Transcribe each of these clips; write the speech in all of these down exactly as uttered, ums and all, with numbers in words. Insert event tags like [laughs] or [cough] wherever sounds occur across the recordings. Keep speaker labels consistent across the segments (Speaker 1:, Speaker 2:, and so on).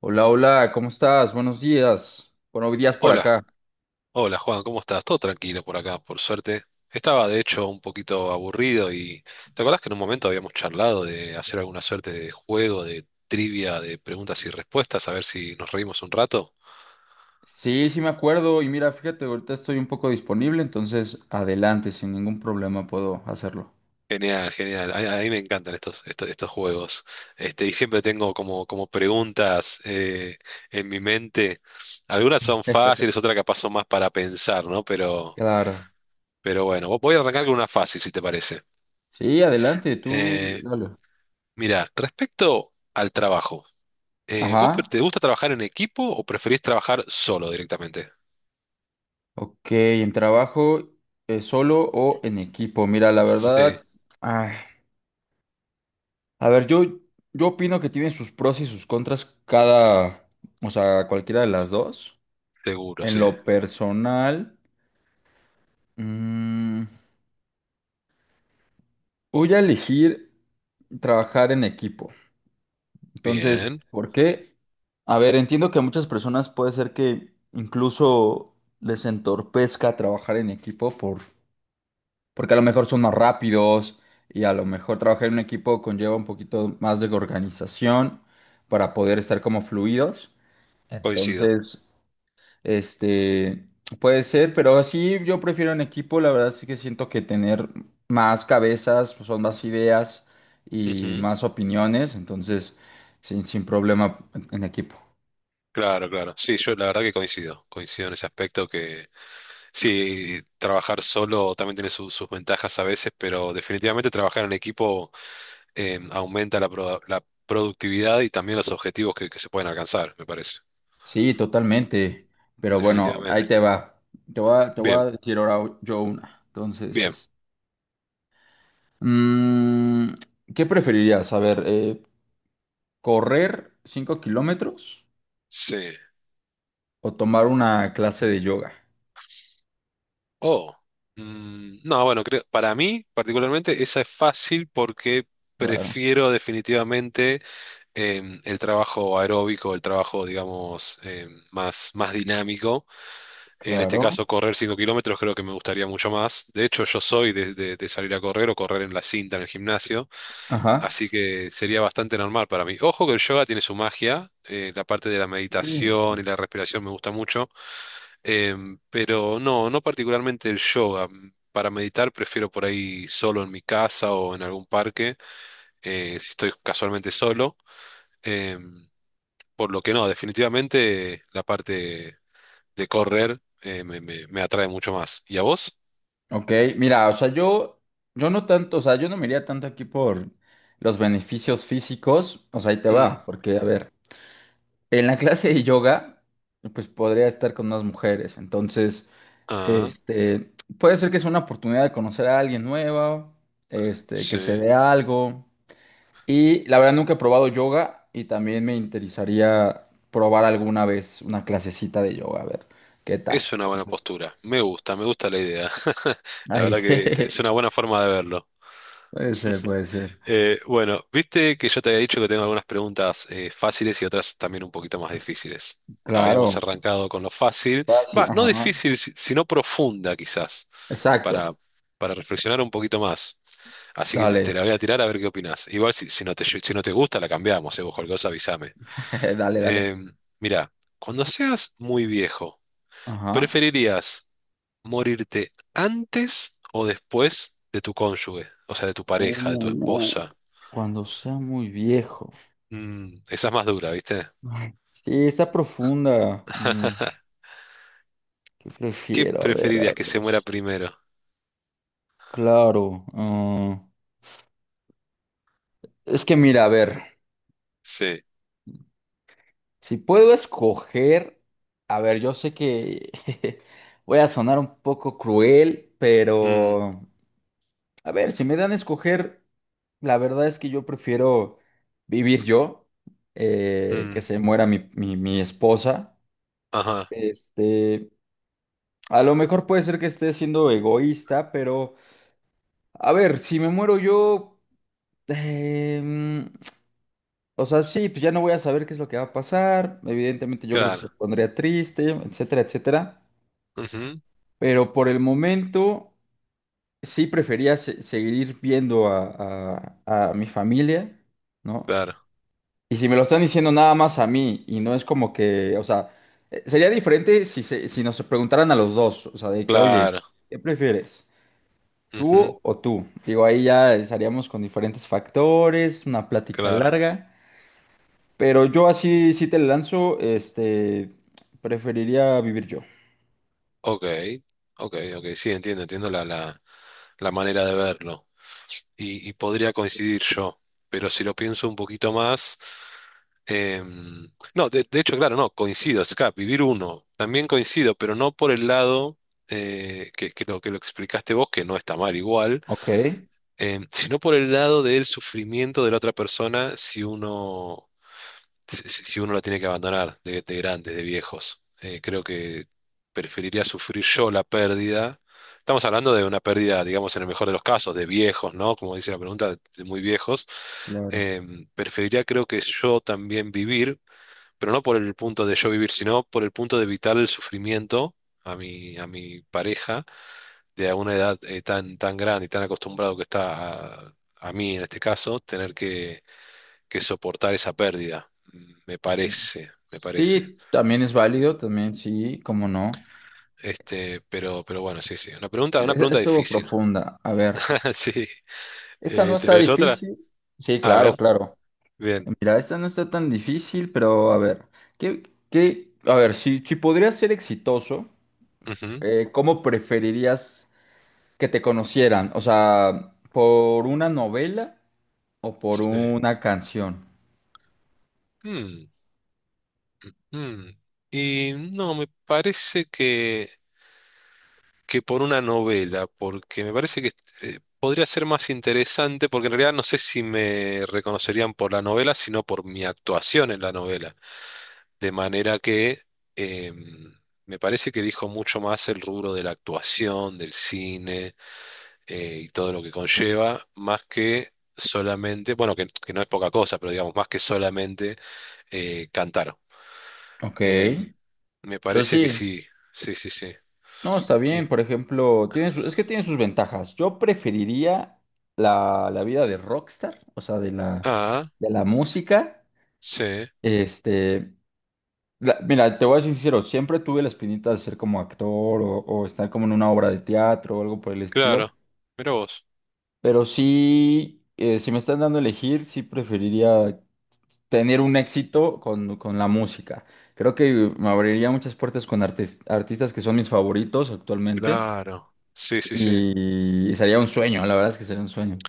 Speaker 1: Hola, hola, ¿cómo estás? Buenos días. Buenos días por
Speaker 2: Hola,
Speaker 1: acá.
Speaker 2: hola Juan, ¿cómo estás? Todo tranquilo por acá, por suerte. Estaba de hecho un poquito aburrido y ¿te acordás que en un momento habíamos charlado de hacer alguna suerte de juego, de trivia, de preguntas y respuestas, a ver si nos reímos un rato?
Speaker 1: Sí, sí me acuerdo y mira, fíjate, ahorita estoy un poco disponible, entonces adelante, sin ningún problema puedo hacerlo.
Speaker 2: Genial, genial. A, a mí me encantan estos, estos, estos juegos. Este, y siempre tengo como, como preguntas eh, en mi mente. Algunas son fáciles, otras capaz son más para pensar, ¿no? Pero,
Speaker 1: Claro.
Speaker 2: pero bueno, voy a arrancar con una fácil, si te parece.
Speaker 1: Sí, adelante, tú
Speaker 2: Eh,
Speaker 1: dale.
Speaker 2: Mira, respecto al trabajo, eh, ¿vos pre-
Speaker 1: Ajá,
Speaker 2: te gusta trabajar en equipo o preferís trabajar solo directamente?
Speaker 1: ok, ¿en trabajo eh, solo o en equipo? Mira, la
Speaker 2: Sí,
Speaker 1: verdad, ay, a ver, yo, yo opino que tiene sus pros y sus contras cada, o sea, cualquiera de las dos.
Speaker 2: seguro,
Speaker 1: En
Speaker 2: sí.
Speaker 1: lo personal... mm, voy a elegir trabajar en equipo. Entonces,
Speaker 2: Bien,
Speaker 1: ¿por qué? A ver, entiendo que a muchas personas puede ser que incluso les entorpezca trabajar en equipo por, porque a lo mejor son más rápidos y a lo mejor trabajar en un equipo conlleva un poquito más de organización para poder estar como fluidos.
Speaker 2: coincido.
Speaker 1: Entonces, este, puede ser, pero sí, yo prefiero en equipo, la verdad sí que siento que tener más cabezas, pues, son más ideas y
Speaker 2: Ujú,
Speaker 1: más opiniones, entonces sin, sin problema en en equipo.
Speaker 2: claro, claro. Sí, yo la verdad que coincido. Coincido en ese aspecto que sí, trabajar solo también tiene su- sus ventajas a veces, pero definitivamente trabajar en equipo eh, aumenta la, pro- la productividad y también los objetivos que, que se pueden alcanzar, me parece.
Speaker 1: Sí, totalmente, pero bueno, ahí
Speaker 2: Definitivamente.
Speaker 1: te va. Te voy a, te voy
Speaker 2: Bien,
Speaker 1: a decir ahora yo una. Entonces,
Speaker 2: bien.
Speaker 1: es, mm, ¿qué preferirías? A ver, eh, ¿correr cinco kilómetros
Speaker 2: Sí.
Speaker 1: o tomar una clase de yoga?
Speaker 2: Oh, mm, no, bueno, creo, para mí particularmente esa es fácil porque
Speaker 1: Claro,
Speaker 2: prefiero definitivamente em, el trabajo aeróbico, el trabajo, digamos, em, más, más dinámico. En este
Speaker 1: claro.
Speaker 2: caso, correr cinco kilómetros creo que me gustaría mucho más. De hecho, yo soy de, de- de salir a correr o correr en la cinta en el gimnasio,
Speaker 1: Ajá.
Speaker 2: así que sería bastante normal para mí. Ojo que el yoga tiene su magia, eh, la parte de la meditación y
Speaker 1: Sí.
Speaker 2: la respiración me gusta mucho, em, pero no, no particularmente el yoga. Para meditar prefiero por ahí solo en mi casa o en algún parque, eh, si estoy casualmente solo. em, por lo que no, definitivamente la parte de correr eh, me, me- me atrae mucho más. ¿Y a vos?
Speaker 1: Ok, mira, o sea, yo, yo no tanto, o sea, yo no me iría tanto aquí por los beneficios físicos, o sea, ahí te
Speaker 2: Mm,
Speaker 1: va, porque, a ver, en la clase de yoga, pues podría estar con más mujeres, entonces,
Speaker 2: ah,
Speaker 1: este, puede ser que sea una oportunidad de conocer a alguien nueva, este, que se
Speaker 2: sí.
Speaker 1: dé algo, y la verdad nunca he probado yoga y también me interesaría probar alguna vez una clasecita de yoga, a ver, ¿qué tal?
Speaker 2: Es una buena
Speaker 1: Entonces,
Speaker 2: postura. Me gusta, me gusta la idea. [laughs] La
Speaker 1: ahí, [laughs]
Speaker 2: verdad que esta es
Speaker 1: jejeje,
Speaker 2: una buena forma de verlo.
Speaker 1: puede ser, puede ser,
Speaker 2: Eh, bueno, viste que yo te había dicho que tengo algunas preguntas eh, fáciles y otras también un poquito más difíciles.
Speaker 1: claro.
Speaker 2: Habíamos arrancado con lo fácil.
Speaker 1: Fácil,
Speaker 2: Va, no
Speaker 1: ajá.
Speaker 2: difícil, si- sino profunda quizás,
Speaker 1: Exacto.
Speaker 2: para, para reflexionar un poquito más. Así que te, te la
Speaker 1: Dale,
Speaker 2: voy a tirar a ver qué opinás. Igual si, si no te, si no te gusta, la cambiamos, eh, vos cualquier cosa avísame.
Speaker 1: [laughs] dale, dale.
Speaker 2: Eh, Mira, cuando seas muy viejo,
Speaker 1: Ajá.
Speaker 2: ¿preferirías morirte antes o después de tu cónyuge? O sea, de tu
Speaker 1: Uh,
Speaker 2: pareja, de tu
Speaker 1: no.
Speaker 2: esposa.
Speaker 1: Cuando sea muy viejo.
Speaker 2: Mm, esa es más dura, ¿viste?
Speaker 1: Ay, sí, está profunda. Mm,
Speaker 2: [laughs]
Speaker 1: ¿qué
Speaker 2: ¿Qué
Speaker 1: prefiero? A ver, a
Speaker 2: preferirías que
Speaker 1: ver.
Speaker 2: se muera primero?
Speaker 1: Claro. Ah, es que mira, a ver,
Speaker 2: Sí.
Speaker 1: si puedo escoger, a ver, yo sé que [laughs] voy a sonar un poco cruel,
Speaker 2: Mm,
Speaker 1: pero a ver, si me dan a escoger, la verdad es que yo prefiero vivir yo, eh, que
Speaker 2: mm,
Speaker 1: se muera mi, mi, mi esposa.
Speaker 2: ajá,
Speaker 1: Este, a lo mejor puede ser que esté siendo egoísta, pero a ver, si me muero yo, eh, mm, o sea, sí, pues ya no voy a saber qué es lo que va a pasar. Evidentemente yo creo que
Speaker 2: claro.
Speaker 1: se pondría triste, etcétera, etcétera.
Speaker 2: Ujú,
Speaker 1: Pero por el momento sí prefería se- seguir viendo a, a a mi familia, ¿no?
Speaker 2: claro,
Speaker 1: Y si me lo están diciendo nada más a mí y no es como que, o sea, eh, sería diferente si, se- si nos preguntaran a los dos, o sea, de que, oye,
Speaker 2: claro.
Speaker 1: ¿qué prefieres?
Speaker 2: Ujú,
Speaker 1: ¿Tú o tú? Digo, ahí ya estaríamos con diferentes factores, una plática
Speaker 2: claro.
Speaker 1: larga, pero yo así, si te lanzo, este, preferiría vivir yo.
Speaker 2: Ok, ok, ok. Sí, entiendo, entiendo la, la, la manera de verlo. Y, y podría coincidir yo, pero si lo pienso un poquito más, em, no, de, de hecho, claro, no, coincido, Scap, vivir uno, también coincido, pero no por el lado eh, que, que lo, que lo explicaste vos, que no está mal igual,
Speaker 1: Ok.
Speaker 2: em, sino por el lado del sufrimiento de la otra persona si uno si, si- si uno la tiene que abandonar de, de grandes, de viejos. Eh, creo que preferiría sufrir yo la pérdida. Estamos hablando de una pérdida, digamos, en el mejor de los casos, de viejos, ¿no? Como dice la pregunta, de muy viejos.
Speaker 1: Claro.
Speaker 2: Em, preferiría, creo que yo también vivir, pero no por el punto de yo vivir, sino por el punto de evitar el sufrimiento a mi, a mi pareja de una edad eh, tan, tan grande y tan acostumbrado que está a, a mí en este caso, tener que que soportar esa pérdida, me parece, me parece.
Speaker 1: Sí, también es válido, también sí, cómo no.
Speaker 2: Este, pero, pero bueno, sí, sí. Una pregunta, una
Speaker 1: Es-
Speaker 2: pregunta
Speaker 1: Estuvo
Speaker 2: difícil.
Speaker 1: profunda. A ver,
Speaker 2: [laughs] Sí.
Speaker 1: esta no
Speaker 2: Eh,
Speaker 1: está
Speaker 2: ¿tenés otra?
Speaker 1: difícil. Sí,
Speaker 2: A
Speaker 1: claro,
Speaker 2: ver,
Speaker 1: claro.
Speaker 2: bien.
Speaker 1: Mira, esta no está tan difícil, pero a ver, ¿qué, qué- a ver, si, si podrías ser exitoso,
Speaker 2: Ujú,
Speaker 1: eh, ¿cómo preferirías que te conocieran? O sea, ¿por una novela o por
Speaker 2: sí.
Speaker 1: una canción?
Speaker 2: Mm, mm. Y no, me parece que, que por una novela, porque me parece que eh, podría ser más interesante, porque en realidad no sé si me reconocerían por la novela, sino por mi actuación en la novela. De manera que em, me parece que elijo mucho más el rubro de la actuación, del cine eh, y todo lo que conlleva, más que solamente, bueno, que, que no es poca cosa, pero digamos, más que solamente eh, cantar.
Speaker 1: Ok,
Speaker 2: Em, me
Speaker 1: yo
Speaker 2: parece que
Speaker 1: sí.
Speaker 2: sí, sí, sí, sí.
Speaker 1: No, está bien,
Speaker 2: Y-
Speaker 1: por ejemplo, tiene su- es que tiene sus ventajas. Yo preferiría la, la vida de rockstar, o sea, de la,
Speaker 2: ah,
Speaker 1: de la música.
Speaker 2: sí,
Speaker 1: Este, La- mira, te voy a ser sincero, siempre tuve la espinita de ser como actor o, o estar como en una obra de teatro o algo por el estilo,
Speaker 2: claro. Mira vos.
Speaker 1: pero sí, eh, si me están dando a elegir, sí preferiría tener un éxito con, con la música. Creo que me abriría muchas puertas con artes- artistas que son mis favoritos actualmente
Speaker 2: Claro, sí, sí, sí.
Speaker 1: y sería un sueño, la verdad es que sería un sueño.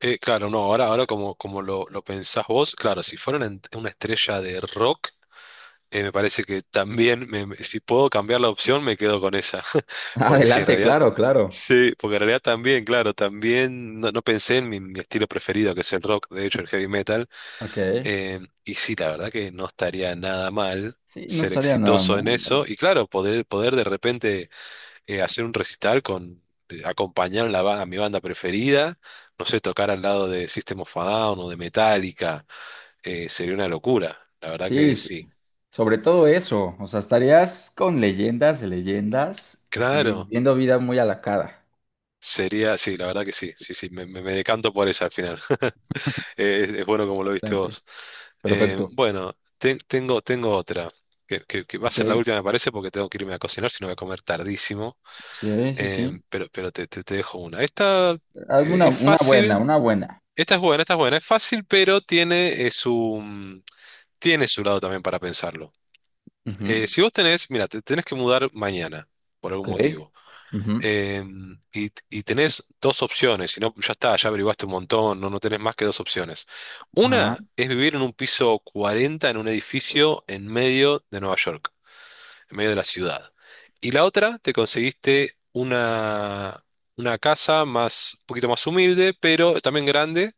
Speaker 2: Eh, claro, no, ahora, ahora como, como lo, lo pensás vos, claro, si fuera una, ent- una estrella de rock, Eh, me parece que también, me- me- si puedo cambiar la opción, me quedo con esa.
Speaker 1: [laughs]
Speaker 2: [laughs] Porque sí, en
Speaker 1: Adelante,
Speaker 2: realidad,
Speaker 1: claro, claro.
Speaker 2: sí, porque en realidad también, claro, también no, no pensé en mi, mi estilo preferido, que es el rock, de hecho, el heavy metal.
Speaker 1: Ok.
Speaker 2: Eh, y sí, la verdad que no estaría nada mal
Speaker 1: Sí, no
Speaker 2: ser
Speaker 1: estaría nada
Speaker 2: exitoso en
Speaker 1: mal.
Speaker 2: eso. Y claro, poder, poder de repente eh, hacer un recital con, eh, acompañar a, la ba- a mi banda preferida, no sé, tocar al lado de System of a Down o de Metallica, eh, sería una locura. La verdad
Speaker 1: Sí,
Speaker 2: que
Speaker 1: s-
Speaker 2: sí.
Speaker 1: sobre todo eso, o sea, estarías con leyendas de leyendas y
Speaker 2: Claro.
Speaker 1: viviendo vida muy a la cara.
Speaker 2: Sería, sí, la verdad que sí, sí, sí, me, me- me decanto por esa al final. [laughs] Eh, Es, es bueno como lo viste
Speaker 1: Bastante.
Speaker 2: vos. Eh,
Speaker 1: Perfecto,
Speaker 2: bueno, te- tengo, tengo otra, que, que- que va a
Speaker 1: ok,
Speaker 2: ser la última, me parece, porque tengo que irme a cocinar, si no voy a comer tardísimo.
Speaker 1: sí, sí,
Speaker 2: Eh,
Speaker 1: sí.
Speaker 2: pero pero te, te- te dejo una. Esta
Speaker 1: Hazme
Speaker 2: eh,
Speaker 1: una,
Speaker 2: es
Speaker 1: una buena,
Speaker 2: fácil,
Speaker 1: una buena.
Speaker 2: esta es buena, esta es buena, es fácil, pero tiene eh, su, mm, tiene su lado también para pensarlo.
Speaker 1: Ujú,
Speaker 2: Eh, si vos tenés, mira, te tenés que mudar mañana, por algún
Speaker 1: ok,
Speaker 2: motivo.
Speaker 1: ujú,
Speaker 2: Eh, y, y tenés dos opciones, si no, ya está, ya averiguaste un montón, no, no tenés más que dos opciones.
Speaker 1: ajá,
Speaker 2: Una es vivir en un piso cuarenta en un edificio en medio de Nueva York, en medio de la ciudad. Y la otra, te conseguiste una, una casa más, un poquito más humilde, pero también grande,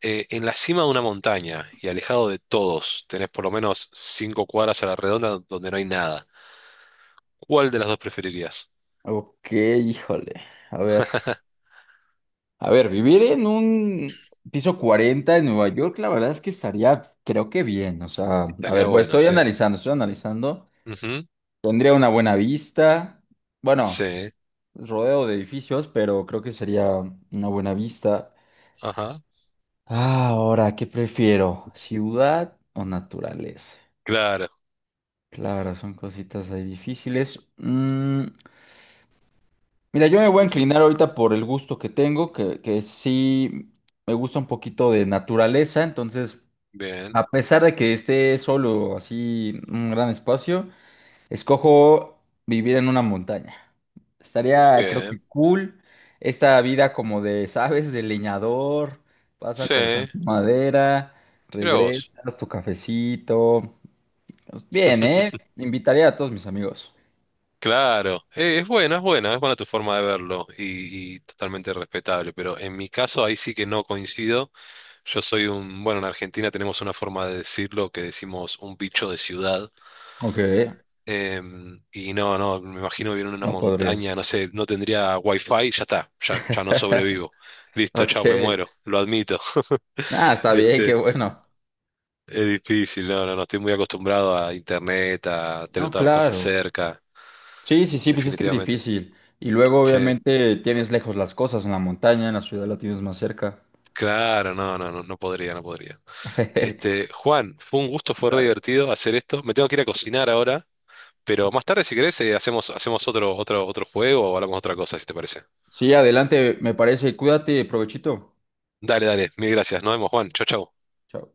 Speaker 2: eh, en la cima de una montaña y alejado de todos. Tenés por lo menos cinco cuadras a la redonda donde no hay nada. ¿Cuál de las dos preferirías?
Speaker 1: ok, híjole, a ver, a ver, vivir en un piso cuarenta en Nueva York, la verdad es que estaría, creo que bien, o sea, a
Speaker 2: Estaría
Speaker 1: ver, voy-
Speaker 2: bueno,
Speaker 1: estoy
Speaker 2: sí.
Speaker 1: analizando, estoy analizando,
Speaker 2: Ujú,
Speaker 1: tendría una buena vista, bueno.
Speaker 2: sí.
Speaker 1: Rodeo de edificios, pero creo que sería una buena vista.
Speaker 2: Ajá,
Speaker 1: Ah, ahora, ¿qué prefiero? ¿Ciudad o naturaleza?
Speaker 2: claro,
Speaker 1: Claro, son cositas ahí difíciles. Mm, mira, yo me voy a inclinar ahorita por el gusto que tengo, que, que sí me gusta un poquito de naturaleza, entonces,
Speaker 2: bien,
Speaker 1: a pesar de que esté solo así un gran espacio, escojo vivir en una montaña. Estaría, creo
Speaker 2: bien.
Speaker 1: que cool esta vida como de, ¿sabes? De leñador, vas a
Speaker 2: Sí,
Speaker 1: cortar tu madera,
Speaker 2: mira vos.
Speaker 1: regresas, tu cafecito. Pues bien, ¿eh?
Speaker 2: [laughs]
Speaker 1: Invitaría a todos mis amigos.
Speaker 2: Claro, eh, es buena, es buena, es buena tu forma de verlo y, y totalmente respetable, pero en mi caso ahí sí que no coincido. Yo soy un, bueno, en Argentina tenemos una forma de decirlo que decimos un bicho de ciudad
Speaker 1: Ok,
Speaker 2: em, y no, no, me imagino vivir en una
Speaker 1: no podrías.
Speaker 2: montaña, no sé, no tendría wifi, ya está, ya, ya no
Speaker 1: [laughs]
Speaker 2: sobrevivo. Listo,
Speaker 1: Ok,
Speaker 2: chao, me muero, lo admito.
Speaker 1: ah está bien, qué
Speaker 2: [laughs]
Speaker 1: bueno.
Speaker 2: Es difícil, no, no, no, estoy muy acostumbrado a internet, a tener
Speaker 1: No,
Speaker 2: todas las cosas
Speaker 1: claro.
Speaker 2: cerca,
Speaker 1: Sí, sí, sí, pues es que es
Speaker 2: definitivamente.
Speaker 1: difícil. Y luego,
Speaker 2: Sí,
Speaker 1: obviamente, tienes lejos las cosas en la montaña, en la ciudad la tienes más cerca.
Speaker 2: claro, no, no, no, no podría, no podría.
Speaker 1: [laughs]
Speaker 2: Este, Juan, fue un gusto, fue re
Speaker 1: Dale.
Speaker 2: divertido hacer esto. Me tengo que ir a cocinar ahora, pero más tarde, si querés, eh, hacemos, hacemos otro, otro, otro juego o hablamos de otra cosa, si te parece.
Speaker 1: Sí, adelante, me parece. Cuídate, provechito.
Speaker 2: Dale, dale, mil gracias. Nos vemos, Juan. Chau, chau.
Speaker 1: Chao.